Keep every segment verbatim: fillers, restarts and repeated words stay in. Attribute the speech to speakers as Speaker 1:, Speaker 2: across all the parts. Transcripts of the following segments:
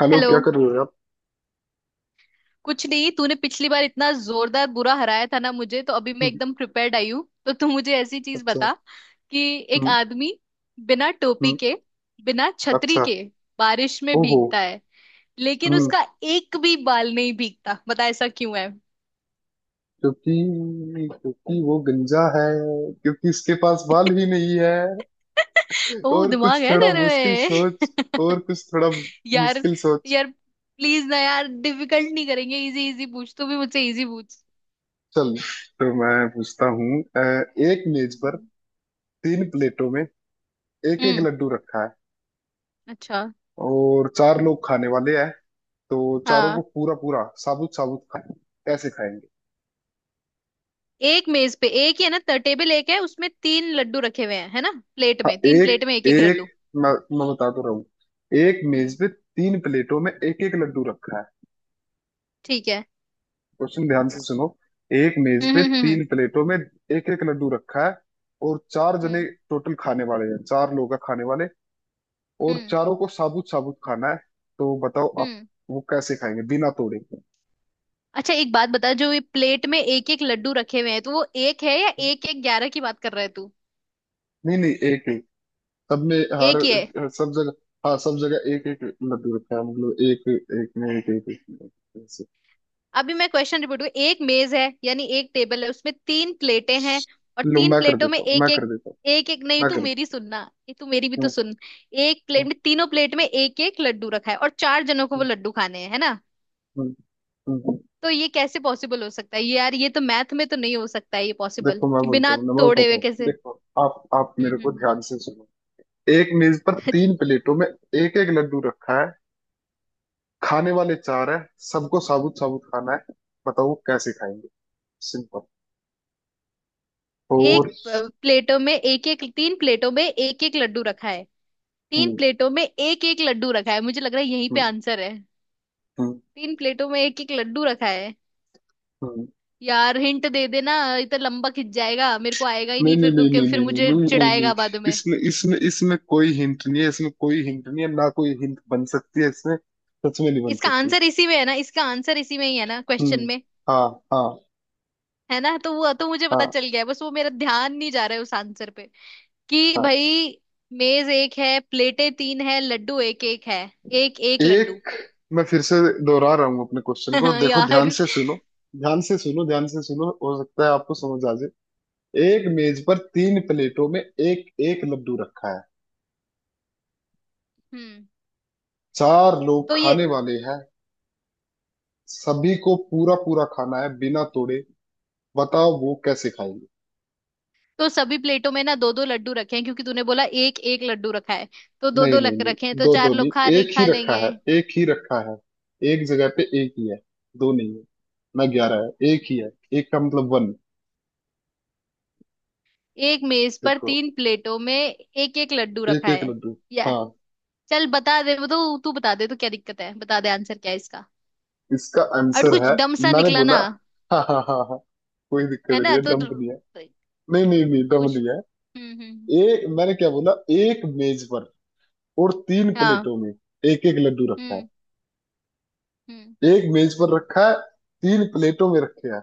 Speaker 1: Hello
Speaker 2: hello.
Speaker 1: क्या कर रहे हो आप?
Speaker 2: कुछ नहीं, तूने पिछली बार इतना जोरदार बुरा हराया था ना मुझे, तो अभी मैं
Speaker 1: हम्म,
Speaker 2: एकदम प्रिपेयर्ड आई हूँ। तो तू मुझे ऐसी चीज
Speaker 1: अच्छा।
Speaker 2: बता कि एक
Speaker 1: हम्म।
Speaker 2: आदमी बिना टोपी
Speaker 1: हम्म,
Speaker 2: के, बिना छतरी
Speaker 1: अच्छा।
Speaker 2: के बारिश में
Speaker 1: ओहो।
Speaker 2: भीगता है, लेकिन
Speaker 1: हम्म।
Speaker 2: उसका एक भी बाल नहीं भीगता। बता ऐसा क्यों है?
Speaker 1: क्योंकि क्योंकि वो गंजा है। क्योंकि उसके पास बाल भी नहीं है।
Speaker 2: ओ,
Speaker 1: और कुछ
Speaker 2: दिमाग है
Speaker 1: थोड़ा
Speaker 2: तेरे
Speaker 1: मुश्किल सोच। और
Speaker 2: में।
Speaker 1: कुछ थोड़ा
Speaker 2: यार,
Speaker 1: मुश्किल सोच।
Speaker 2: यार प्लीज ना यार, डिफिकल्ट नहीं करेंगे। इजी इजी पूछ, तू भी मुझसे इजी पूछ।
Speaker 1: चल। तो मैं पूछता हूँ, अ, एक मेज पर
Speaker 2: हम्म।
Speaker 1: तीन प्लेटों में एक एक
Speaker 2: हम्म,
Speaker 1: लड्डू रखा है,
Speaker 2: अच्छा।
Speaker 1: और चार लोग खाने वाले हैं। तो चारों को
Speaker 2: हाँ,
Speaker 1: पूरा पूरा, साबुत साबुत खाए, कैसे खाएंगे?
Speaker 2: एक मेज पे एक ही है ना, त- टेबल एक है, उसमें तीन लड्डू रखे हुए हैं, है ना? प्लेट
Speaker 1: हाँ,
Speaker 2: में, तीन
Speaker 1: एक
Speaker 2: प्लेट में एक एक
Speaker 1: एक।
Speaker 2: लड्डू।
Speaker 1: मैं, मैं बता तो रहा हूँ। एक
Speaker 2: हम्म,
Speaker 1: मेज पे तीन प्लेटों में एक एक लड्डू रखा है।
Speaker 2: ठीक है।
Speaker 1: क्वेश्चन ध्यान से सुनो। एक मेज
Speaker 2: हम्म
Speaker 1: पे
Speaker 2: हम्म हम्म।
Speaker 1: तीन प्लेटों में एक एक लड्डू रखा है, और चार जने
Speaker 2: हम्म
Speaker 1: टोटल खाने वाले हैं, चार लोग हैं खाने वाले, और
Speaker 2: हम्म
Speaker 1: चारों को साबुत साबुत खाना है। तो बताओ आप,
Speaker 2: हम्म।
Speaker 1: वो कैसे खाएंगे बिना तोड़े?
Speaker 2: अच्छा एक बात बता, जो ये प्लेट में एक एक लड्डू रखे हुए हैं, तो वो एक है या एक एक ग्यारह की बात कर रहा है तू?
Speaker 1: नहीं नहीं, एक एक सब में,
Speaker 2: एक ही है।
Speaker 1: हर सब जगह। हाँ सब जगह एक एक लड्डू रखा है, मतलब एक एक में एक एक, एक, एक, ऐसे।
Speaker 2: अभी मैं क्वेश्चन रिपीट करूँ। एक मेज है, यानी एक टेबल है, उसमें तीन प्लेटें हैं, और
Speaker 1: लो
Speaker 2: तीन
Speaker 1: मैं कर
Speaker 2: प्लेटों में
Speaker 1: देता हूँ,
Speaker 2: एक
Speaker 1: मैं कर
Speaker 2: एक।
Speaker 1: देता हूँ।
Speaker 2: एक एक नहीं, तू
Speaker 1: मगरिब।
Speaker 2: मेरी सुनना। ये तू मेरी भी तो
Speaker 1: हम्म,
Speaker 2: सुन, एक प्लेट
Speaker 1: हम्म,
Speaker 2: में, तीनों प्लेट में एक एक लड्डू रखा है, और चार जनों को वो लड्डू खाने हैं, है ना?
Speaker 1: हम्म, हम्म, हम्म।
Speaker 2: तो ये कैसे पॉसिबल हो सकता है ये, यार? ये तो मैथ में तो नहीं हो सकता है ये पॉसिबल
Speaker 1: देखो मैं
Speaker 2: कि
Speaker 1: बोलता
Speaker 2: बिना
Speaker 1: हूँ ना, मैं
Speaker 2: तोड़े
Speaker 1: बताता
Speaker 2: हुए
Speaker 1: हूँ,
Speaker 2: कैसे।
Speaker 1: देखो। आप आप मेरे
Speaker 2: हम्म
Speaker 1: को
Speaker 2: हम्म,
Speaker 1: ध्यान से सुनो। एक मेज पर
Speaker 2: हम्म।
Speaker 1: तीन प्लेटों में एक एक लड्डू रखा है। खाने वाले चार है। सबको साबुत साबुत खाना है। बताओ वो कैसे खाएंगे? सिंपल। और
Speaker 2: एक अ, प्लेटों में एक एक, तीन प्लेटों में एक एक लड्डू रखा है। तीन
Speaker 1: हम्म,
Speaker 2: प्लेटों में एक एक लड्डू रखा है, मुझे लग रहा है यहीं पे
Speaker 1: हम्म,
Speaker 2: आंसर है।
Speaker 1: हम्म,
Speaker 2: तीन प्लेटों में एक एक लड्डू रखा है।
Speaker 1: हम्म।
Speaker 2: यार हिंट दे देना, इतना लंबा खिंच जाएगा, मेरे को आएगा ही
Speaker 1: नहीं
Speaker 2: नहीं
Speaker 1: नहीं
Speaker 2: फिर तो।
Speaker 1: नहीं
Speaker 2: क्या-
Speaker 1: नहीं
Speaker 2: फिर
Speaker 1: नहीं नहीं
Speaker 2: मुझे
Speaker 1: नहीं नहीं नहीं।
Speaker 2: चिढ़ाएगा बाद में।
Speaker 1: इसमें इसमें इसमें कोई हिंट नहीं है, इसमें कोई हिंट नहीं है, ना कोई हिंट बन सकती है इसमें। सच में नहीं बन
Speaker 2: इसका
Speaker 1: सकती।
Speaker 2: आंसर इसी में है ना, इसका आंसर इसी में ही है ना क्वेश्चन
Speaker 1: हम्म।
Speaker 2: में?
Speaker 1: हाँ हाँ।
Speaker 2: है ना, तो वो तो मुझे पता
Speaker 1: हाँ।
Speaker 2: चल गया है, बस वो मेरा ध्यान नहीं जा रहा है उस आंसर पे कि
Speaker 1: हाँ।
Speaker 2: भाई मेज एक है, प्लेटें तीन है, लड्डू एक एक है, एक एक लड्डू।
Speaker 1: एक, मैं फिर से दोहरा रहा हूँ अपने क्वेश्चन को। देखो ध्यान
Speaker 2: यार।
Speaker 1: से सुनो, ध्यान से सुनो, ध्यान से सुनो, हो सकता है आपको समझ आ जाए। एक मेज पर तीन प्लेटों में एक एक लड्डू रखा है।
Speaker 2: हम्म।
Speaker 1: चार लोग
Speaker 2: तो ये,
Speaker 1: खाने वाले हैं। सभी को पूरा पूरा खाना है बिना तोड़े। बताओ वो कैसे खाएंगे?
Speaker 2: तो सभी प्लेटों में ना दो दो लड्डू रखे हैं, क्योंकि तूने बोला एक एक लड्डू रखा है, तो दो
Speaker 1: नहीं
Speaker 2: दो
Speaker 1: नहीं
Speaker 2: लग रखे हैं,
Speaker 1: नहीं,
Speaker 2: तो
Speaker 1: दो दो
Speaker 2: चार
Speaker 1: नहीं,
Speaker 2: लोग खा रहे
Speaker 1: एक ही
Speaker 2: खा
Speaker 1: रखा
Speaker 2: लेंगे।
Speaker 1: है, एक ही रखा है। एक जगह पे एक ही है। दो नहीं है। ना ग्यारह है, एक ही है। एक का मतलब वन।
Speaker 2: एक मेज पर
Speaker 1: देखो,
Speaker 2: तीन प्लेटों में एक एक लड्डू
Speaker 1: एक
Speaker 2: रखा
Speaker 1: एक
Speaker 2: है,
Speaker 1: लड्डू।
Speaker 2: या।
Speaker 1: हाँ।
Speaker 2: चल बता दे, वो तो तू बता दे, तो क्या दिक्कत है? बता दे आंसर क्या है इसका।
Speaker 1: इसका
Speaker 2: और
Speaker 1: आंसर
Speaker 2: कुछ
Speaker 1: है।
Speaker 2: डम सा
Speaker 1: मैंने
Speaker 2: निकला
Speaker 1: बोला।
Speaker 2: ना।
Speaker 1: हाँ हाँ हाँ हाँ। कोई दिक्कत
Speaker 2: है
Speaker 1: नहीं
Speaker 2: ना,
Speaker 1: है,
Speaker 2: तो
Speaker 1: दम
Speaker 2: तो-
Speaker 1: नहीं है। नहीं नहीं नहीं, दम
Speaker 2: पूछ।
Speaker 1: नहीं है।
Speaker 2: हम्म हम्म।
Speaker 1: एक, मैंने क्या बोला? एक मेज पर, और तीन
Speaker 2: हाँ।
Speaker 1: प्लेटों में एक एक लड्डू रखा है।
Speaker 2: हम्म हम्म।
Speaker 1: एक मेज पर रखा है, तीन प्लेटों में रखे हैं।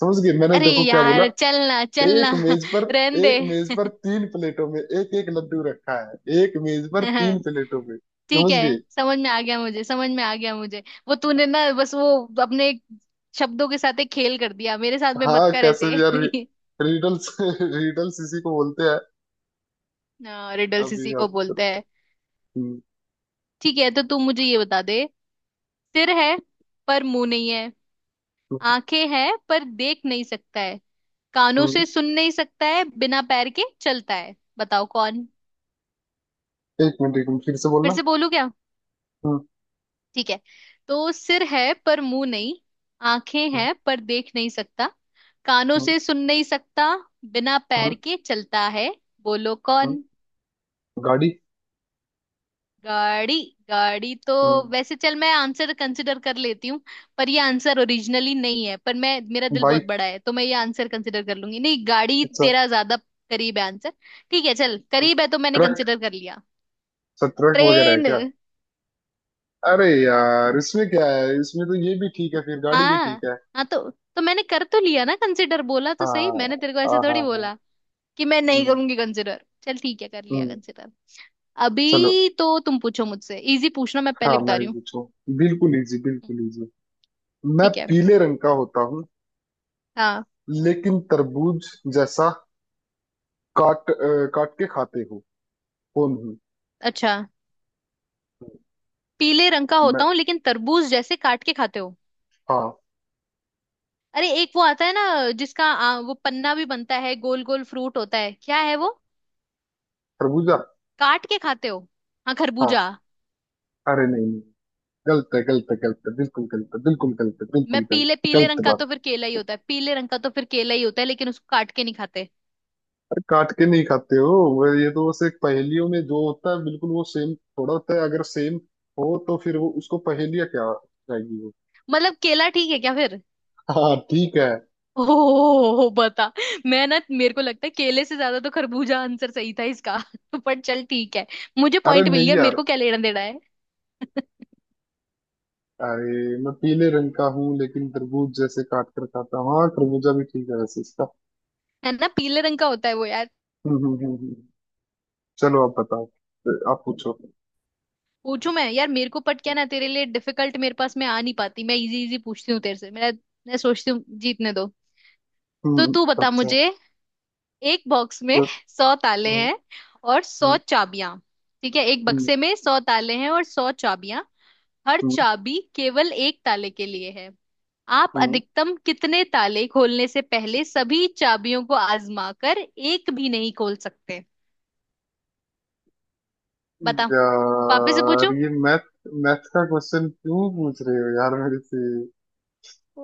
Speaker 1: समझ गए, मैंने
Speaker 2: अरे
Speaker 1: देखो क्या बोला।
Speaker 2: यार, चलना चलना।
Speaker 1: एक मेज पर,
Speaker 2: रहन दे।
Speaker 1: एक मेज पर तीन प्लेटों में एक एक लड्डू रखा है, एक मेज पर तीन प्लेटों में,
Speaker 2: ठीक
Speaker 1: समझ गए?
Speaker 2: है, समझ में आ गया मुझे, समझ में आ गया मुझे। वो तूने ना बस वो अपने शब्दों के साथ एक खेल कर दिया। मेरे साथ में मत
Speaker 1: हाँ
Speaker 2: कर
Speaker 1: कैसे
Speaker 2: ऐसे।
Speaker 1: भी यार। रिडल्स रिडल्स इसी को बोलते हैं।
Speaker 2: हाँ, रिडल्स
Speaker 1: अभी
Speaker 2: इसी को
Speaker 1: आप करो।
Speaker 2: बोलते हैं।
Speaker 1: हम्म,
Speaker 2: ठीक है, तो तू मुझे ये बता दे। सिर है पर मुंह नहीं है,
Speaker 1: हम्म,
Speaker 2: आंखें हैं पर देख नहीं सकता है, कानों
Speaker 1: हम्म।
Speaker 2: से सुन नहीं सकता है, बिना पैर के चलता है। बताओ कौन।
Speaker 1: एक मिनट, एक मिनट फिर से
Speaker 2: फिर
Speaker 1: बोलना।
Speaker 2: से बोलू?
Speaker 1: हम्म,
Speaker 2: ठीक है, तो सिर है पर मुंह नहीं, आंखें
Speaker 1: हम्म,
Speaker 2: हैं पर देख नहीं सकता, कानों
Speaker 1: हम्म,
Speaker 2: से सुन नहीं सकता, बिना
Speaker 1: हम्म।
Speaker 2: पैर के चलता है। बोलो
Speaker 1: हम्म,
Speaker 2: कौन।
Speaker 1: गाड़ी।
Speaker 2: गाड़ी? गाड़ी तो,
Speaker 1: हम्म।
Speaker 2: वैसे चल मैं आंसर कंसिडर कर लेती हूँ। पर ये आंसर ओरिजिनली नहीं है, पर मैं, मेरा दिल बहुत
Speaker 1: बाइक,
Speaker 2: बड़ा है, तो मैं ये आंसर कंसिडर कर लूंगी। नहीं गाड़ी
Speaker 1: अच्छा।
Speaker 2: तेरा ज्यादा करीब है आंसर। ठीक है चल,
Speaker 1: हम्म,
Speaker 2: करीब है तो मैंने
Speaker 1: ट्रक।
Speaker 2: कंसिडर कर लिया।
Speaker 1: अच्छा, ट्रक वगैरह है
Speaker 2: ट्रेन।
Speaker 1: क्या? अरे यार इसमें क्या है, इसमें तो ये भी ठीक है, फिर गाड़ी भी
Speaker 2: हाँ।
Speaker 1: ठीक है।
Speaker 2: हाँ, तो तो मैंने कर तो लिया ना कंसिडर, बोला तो
Speaker 1: हाँ
Speaker 2: सही मैंने तेरे को। ऐसे
Speaker 1: हाँ हाँ
Speaker 2: थोड़ी
Speaker 1: हाँ।
Speaker 2: बोला कि मैं नहीं
Speaker 1: हम्म।
Speaker 2: करूंगी कंसिडर। चल ठीक है, कर लिया
Speaker 1: हम्म।
Speaker 2: कंसिडर।
Speaker 1: चलो।
Speaker 2: अभी तो तुम पूछो मुझसे, इजी पूछना, मैं पहले
Speaker 1: हाँ,
Speaker 2: बता
Speaker 1: मैं
Speaker 2: रही
Speaker 1: ही
Speaker 2: हूँ।
Speaker 1: पूछूं। बिल्कुल इजी,
Speaker 2: हम्म,
Speaker 1: बिल्कुल इजी। मैं
Speaker 2: ठीक है।
Speaker 1: पीले रंग का होता हूँ,
Speaker 2: हाँ।
Speaker 1: लेकिन तरबूज जैसा काट अ, काट के खाते हो। कौन हूँ
Speaker 2: अच्छा, पीले रंग का
Speaker 1: मैं?
Speaker 2: होता हूँ, लेकिन तरबूज जैसे काट के खाते हो।
Speaker 1: हाँ।
Speaker 2: अरे, एक वो आता है ना, जिसका आ, वो पन्ना भी बनता है, गोल गोल फ्रूट होता है, क्या है वो?
Speaker 1: तरबूजा।
Speaker 2: काट के खाते हो? हाँ,
Speaker 1: हाँ।
Speaker 2: खरबूजा।
Speaker 1: अरे नहीं नहीं, गलत है, गलत है, गलत है, बिल्कुल गलत है, बिल्कुल गलत है,
Speaker 2: मैं
Speaker 1: बिल्कुल गलत।
Speaker 2: पीले, पीले
Speaker 1: गलत
Speaker 2: रंग का तो
Speaker 1: बात
Speaker 2: फिर केला ही होता है, पीले रंग का तो फिर केला ही होता है, लेकिन उसको काट के नहीं खाते।
Speaker 1: है, काट के नहीं खाते हो। वो- ये तो बस एक पहेलियों में जो होता है, बिल्कुल वो सेम थोड़ा होता है। अगर सेम हो तो फिर वो उसको पहेलिया क्या जाएगी वो।
Speaker 2: मतलब केला ठीक है क्या फिर?
Speaker 1: हाँ ठीक है।
Speaker 2: ओ बता। मैं ना, मेरे को लगता है केले से ज्यादा तो खरबूजा आंसर सही था इसका। पर चल ठीक है, मुझे
Speaker 1: अरे
Speaker 2: पॉइंट मिल
Speaker 1: नहीं
Speaker 2: गया, मेरे
Speaker 1: यार।
Speaker 2: को क्या लेना देना है।
Speaker 1: अरे, मैं पीले रंग का हूँ लेकिन तरबूज जैसे काट कर खाता हूँ। हाँ, खरबूजा भी ठीक है वैसे इसका।
Speaker 2: है ना, पीले रंग का होता है वो यार।
Speaker 1: हम्म हम्म हम्म हम्म। चलो आप बताओ, आप पूछो। हम्म।
Speaker 2: पूछू मैं? यार मेरे को पट क्या ना तेरे लिए डिफिकल्ट, मेरे पास मैं आ नहीं पाती, मैं इजी इजी पूछती हूँ तेरे से मैं मैं सोचती हूँ जीतने दो। तो
Speaker 1: हम्म,
Speaker 2: तू बता
Speaker 1: अच्छा।
Speaker 2: मुझे, एक बॉक्स में
Speaker 1: तो
Speaker 2: सौ ताले
Speaker 1: हम्म,
Speaker 2: हैं, और सौ
Speaker 1: हम्म,
Speaker 2: चाबियां। ठीक है, एक
Speaker 1: हम्म,
Speaker 2: बक्से में सौ ताले हैं और सौ चाबियां। हर
Speaker 1: हम्म,
Speaker 2: चाबी केवल एक ताले के लिए है। आप
Speaker 1: हम्म,
Speaker 2: अधिकतम कितने ताले खोलने से पहले सभी चाबियों को आजमा कर एक भी नहीं खोल सकते? बताओ। पापे से
Speaker 1: यार
Speaker 2: पूछो।
Speaker 1: ये मैथ, मैथ का क्वेश्चन क्यों पूछ रहे हो यार मेरे से?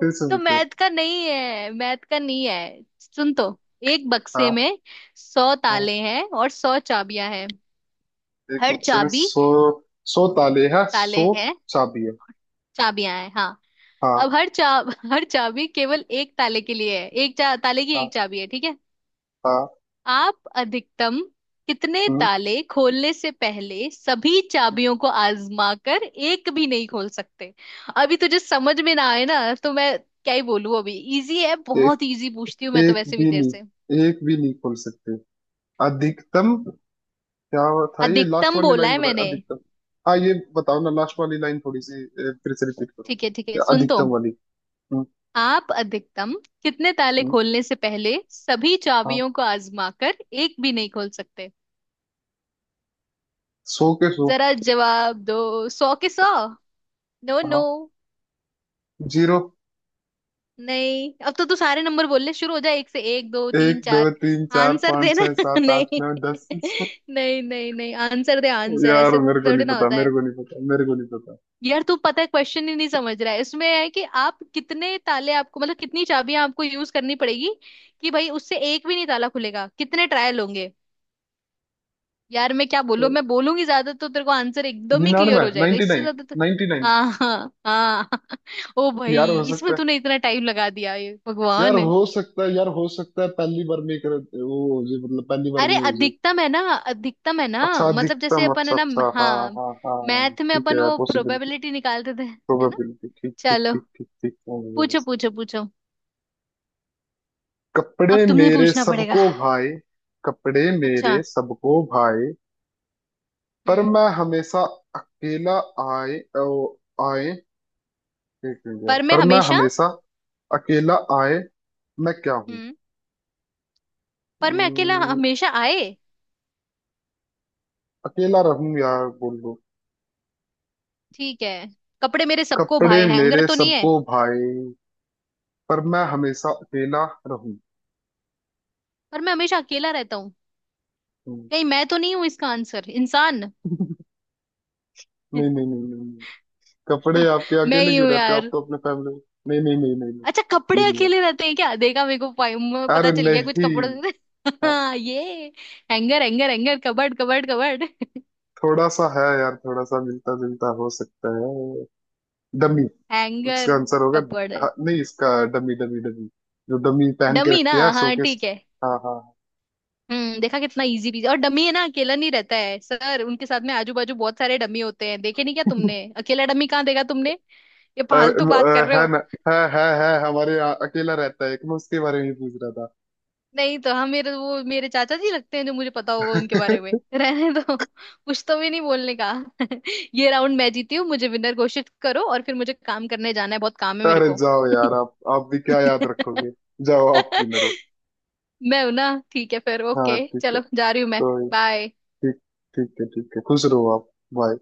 Speaker 1: फिर से पूछो।
Speaker 2: मैथ का नहीं है, मैथ का नहीं है, सुन तो। एक बक्से
Speaker 1: हाँ।
Speaker 2: में सौ
Speaker 1: हाँ।
Speaker 2: ताले हैं और सौ चाबियां हैं।
Speaker 1: एक
Speaker 2: हर
Speaker 1: बक्से में
Speaker 2: चाबी,
Speaker 1: सो सो ताले हैं,
Speaker 2: ताले
Speaker 1: सो
Speaker 2: हैं,
Speaker 1: चाबी है।
Speaker 2: चाबियां हैं, हाँ।
Speaker 1: हाँ।
Speaker 2: अब हर चा हर चाबी केवल एक ताले के लिए है। एक चा, ताले की एक
Speaker 1: हाँ।
Speaker 2: चाबी है, ठीक है?
Speaker 1: हाँ।
Speaker 2: आप अधिकतम कितने
Speaker 1: हम्म,
Speaker 2: ताले खोलने से पहले सभी चाबियों को आजमा कर एक भी नहीं खोल सकते? अभी तुझे समझ में ना आए ना, तो मैं क्या ही बोलूं अभी। इजी है,
Speaker 1: एक,
Speaker 2: बहुत इजी पूछती हूँ मैं तो
Speaker 1: एक
Speaker 2: वैसे भी
Speaker 1: भी
Speaker 2: तेरे से।
Speaker 1: नहीं, एक भी नहीं खोल सकते। अधिकतम? क्या था ये, लास्ट
Speaker 2: अधिकतम
Speaker 1: वाली
Speaker 2: बोला
Speaker 1: लाइन
Speaker 2: है
Speaker 1: बताए,
Speaker 2: मैंने।
Speaker 1: अधिकतम? हाँ ये बताओ ना, लास्ट वाली लाइन थोड़ी सी, अ, फिर से रिपीट करो।
Speaker 2: ठीक है ठीक है,
Speaker 1: ये
Speaker 2: सुन तो।
Speaker 1: अधिकतम वाली। हम्म।
Speaker 2: आप अधिकतम कितने ताले
Speaker 1: हम्म,
Speaker 2: खोलने से पहले सभी
Speaker 1: हाँ।
Speaker 2: चाबियों को आजमा कर एक भी नहीं खोल सकते?
Speaker 1: सो के सो।
Speaker 2: जरा जवाब दो। सौ के सौ? No no.
Speaker 1: हाँ, जीरो।
Speaker 2: नहीं, अब तो तू सारे नंबर बोलने शुरू हो जाए, एक से एक दो
Speaker 1: एक,
Speaker 2: तीन
Speaker 1: दो,
Speaker 2: चार।
Speaker 1: तीन, चार,
Speaker 2: आंसर
Speaker 1: पाँच,
Speaker 2: देना।
Speaker 1: छह, सात, आठ,
Speaker 2: नहीं,
Speaker 1: नौ, दस।
Speaker 2: नहीं नहीं नहीं, आंसर दे, आंसर
Speaker 1: यार
Speaker 2: ऐसे
Speaker 1: मेरे को
Speaker 2: थोड़ी
Speaker 1: नहीं
Speaker 2: ना
Speaker 1: पता,
Speaker 2: होता
Speaker 1: मेरे
Speaker 2: है।
Speaker 1: को नहीं पता, मेरे को नहीं पता।
Speaker 2: यार तू पता है क्वेश्चन ही नहीं समझ रहा है। इसमें है कि आप कितने ताले, आपको मतलब कितनी चाबियां आपको यूज करनी पड़ेगी, कि भाई उससे एक भी नहीं ताला खुलेगा। कितने ट्रायल होंगे? यार मैं क्या बोलूं, मैं बोलूंगी ज्यादा तो तेरे को आंसर एकदम ही
Speaker 1: निन्यानवे,
Speaker 2: क्लियर हो जाएगा,
Speaker 1: नाइनटी
Speaker 2: इससे
Speaker 1: नाइन
Speaker 2: ज्यादा तो।
Speaker 1: Ninety nine.
Speaker 2: हाँ हाँ हाँ। ओ भाई,
Speaker 1: यार हो सकता
Speaker 2: इसमें
Speaker 1: है,
Speaker 2: तूने इतना टाइम लगा दिया। ये
Speaker 1: यार
Speaker 2: भगवान।
Speaker 1: हो सकता है, यार हो सकता है पहली बार में कर वो हो जाए, मतलब पहली बार
Speaker 2: अरे
Speaker 1: में ही हो जाए।
Speaker 2: अधिकतम है ना, अधिकतम है ना।
Speaker 1: अच्छा,
Speaker 2: मतलब जैसे
Speaker 1: अधिकतम,
Speaker 2: अपन
Speaker 1: अच्छा
Speaker 2: है ना,
Speaker 1: अच्छा, हाँ
Speaker 2: हाँ,
Speaker 1: हाँ हाँ,
Speaker 2: मैथ में
Speaker 1: ठीक
Speaker 2: अपन
Speaker 1: है,
Speaker 2: वो
Speaker 1: पॉसिबिलिटी।
Speaker 2: प्रोबेबिलिटी निकालते थे। है ना।
Speaker 1: प्रोबेबिलिटी, ठीक ठीक
Speaker 2: चलो,
Speaker 1: ठीक ठीक ठीक, समझ गया।
Speaker 2: पूछो पूछो पूछो।
Speaker 1: कपड़े
Speaker 2: अब तुम्हें
Speaker 1: मेरे
Speaker 2: पूछना पड़ेगा।
Speaker 1: सबको भाई। कपड़े
Speaker 2: अच्छा।
Speaker 1: मेरे सबको भाई, पर
Speaker 2: हम्म।
Speaker 1: मैं हमेशा अकेला आए ओ, आए। एक मिनट यार,
Speaker 2: पर मैं
Speaker 1: पर मैं
Speaker 2: हमेशा।
Speaker 1: हमेशा अकेला आए। मैं क्या हूँ?
Speaker 2: हम्म। पर मैं अकेला
Speaker 1: अम्म,
Speaker 2: हमेशा आए?
Speaker 1: अकेला रहूं, यार बोल दो।
Speaker 2: ठीक है। कपड़े मेरे सबको
Speaker 1: कपड़े
Speaker 2: भाए, हैंगर
Speaker 1: मेरे
Speaker 2: तो नहीं है?
Speaker 1: सबको भाई, पर मैं हमेशा अकेला रहूं।
Speaker 2: पर मैं हमेशा अकेला रहता हूँ।
Speaker 1: हम्म,
Speaker 2: कहीं मैं तो नहीं हूँ इसका आंसर, इंसान?
Speaker 1: नहीं नहीं नहीं नहीं नहीं। कपड़े आपके
Speaker 2: मैं
Speaker 1: अकेले
Speaker 2: ही
Speaker 1: क्यों
Speaker 2: हूँ
Speaker 1: रहते हो, आप
Speaker 2: यार।
Speaker 1: तो अपने फैमिली? नहीं नहीं नहीं नहीं नहीं।
Speaker 2: अच्छा, कपड़े
Speaker 1: ये नहीं है।
Speaker 2: अकेले रहते हैं क्या? देखा, मेरे को पाई- मुझे पता
Speaker 1: अरे
Speaker 2: चल गया कुछ
Speaker 1: नहीं।
Speaker 2: कपड़ों से। हाँ, ये hanger, hanger, hanger, cupboard, cupboard, cupboard.
Speaker 1: थोड़ा सा है यार, थोड़ा सा मिलता जुलता हो सकता है। Dummy
Speaker 2: hanger.
Speaker 1: इसका आंसर होगा।
Speaker 2: कपड़
Speaker 1: हाँ, नहीं इसका, डमी डमी डमी, जो डमी पहन के
Speaker 2: डमी ना?
Speaker 1: रखते हैं
Speaker 2: हाँ
Speaker 1: शोकेस।
Speaker 2: ठीक है।
Speaker 1: हाँ हाँ।
Speaker 2: हम्म, देखा कितना इजी पीजी। और डमी है ना, अकेला नहीं रहता है सर, उनके साथ में आजू बाजू बहुत सारे डमी होते हैं, देखे नहीं क्या तुमने? अकेला डमी कहाँ देखा तुमने? ये
Speaker 1: अरे
Speaker 2: फालतू बात कर
Speaker 1: अ,
Speaker 2: रहे
Speaker 1: है
Speaker 2: हो।
Speaker 1: ना, है है है हमारे यहाँ अकेला रहता है एक, मैं उसके बारे में ही पूछ रहा था।
Speaker 2: नहीं तो, हम मेरे वो, मेरे चाचा जी लगते हैं जो, मुझे पता होगा उनके बारे में, रहने दो कुछ तो भी नहीं बोलने का। ये राउंड मैं जीती हूँ, मुझे विनर घोषित करो, और फिर मुझे काम करने जाना है, बहुत काम है मेरे
Speaker 1: अरे
Speaker 2: को।
Speaker 1: जाओ यार, आप आप भी क्या याद रखोगे। जाओ, आप विनर हो।
Speaker 2: मैं हूं ना, ठीक है फिर।
Speaker 1: हाँ
Speaker 2: ओके
Speaker 1: ठीक है।
Speaker 2: चलो, जा रही हूँ मैं।
Speaker 1: तो,
Speaker 2: बाय।
Speaker 1: ठीक, ठीक है, ठीक है, खुश रहो आप। बाय।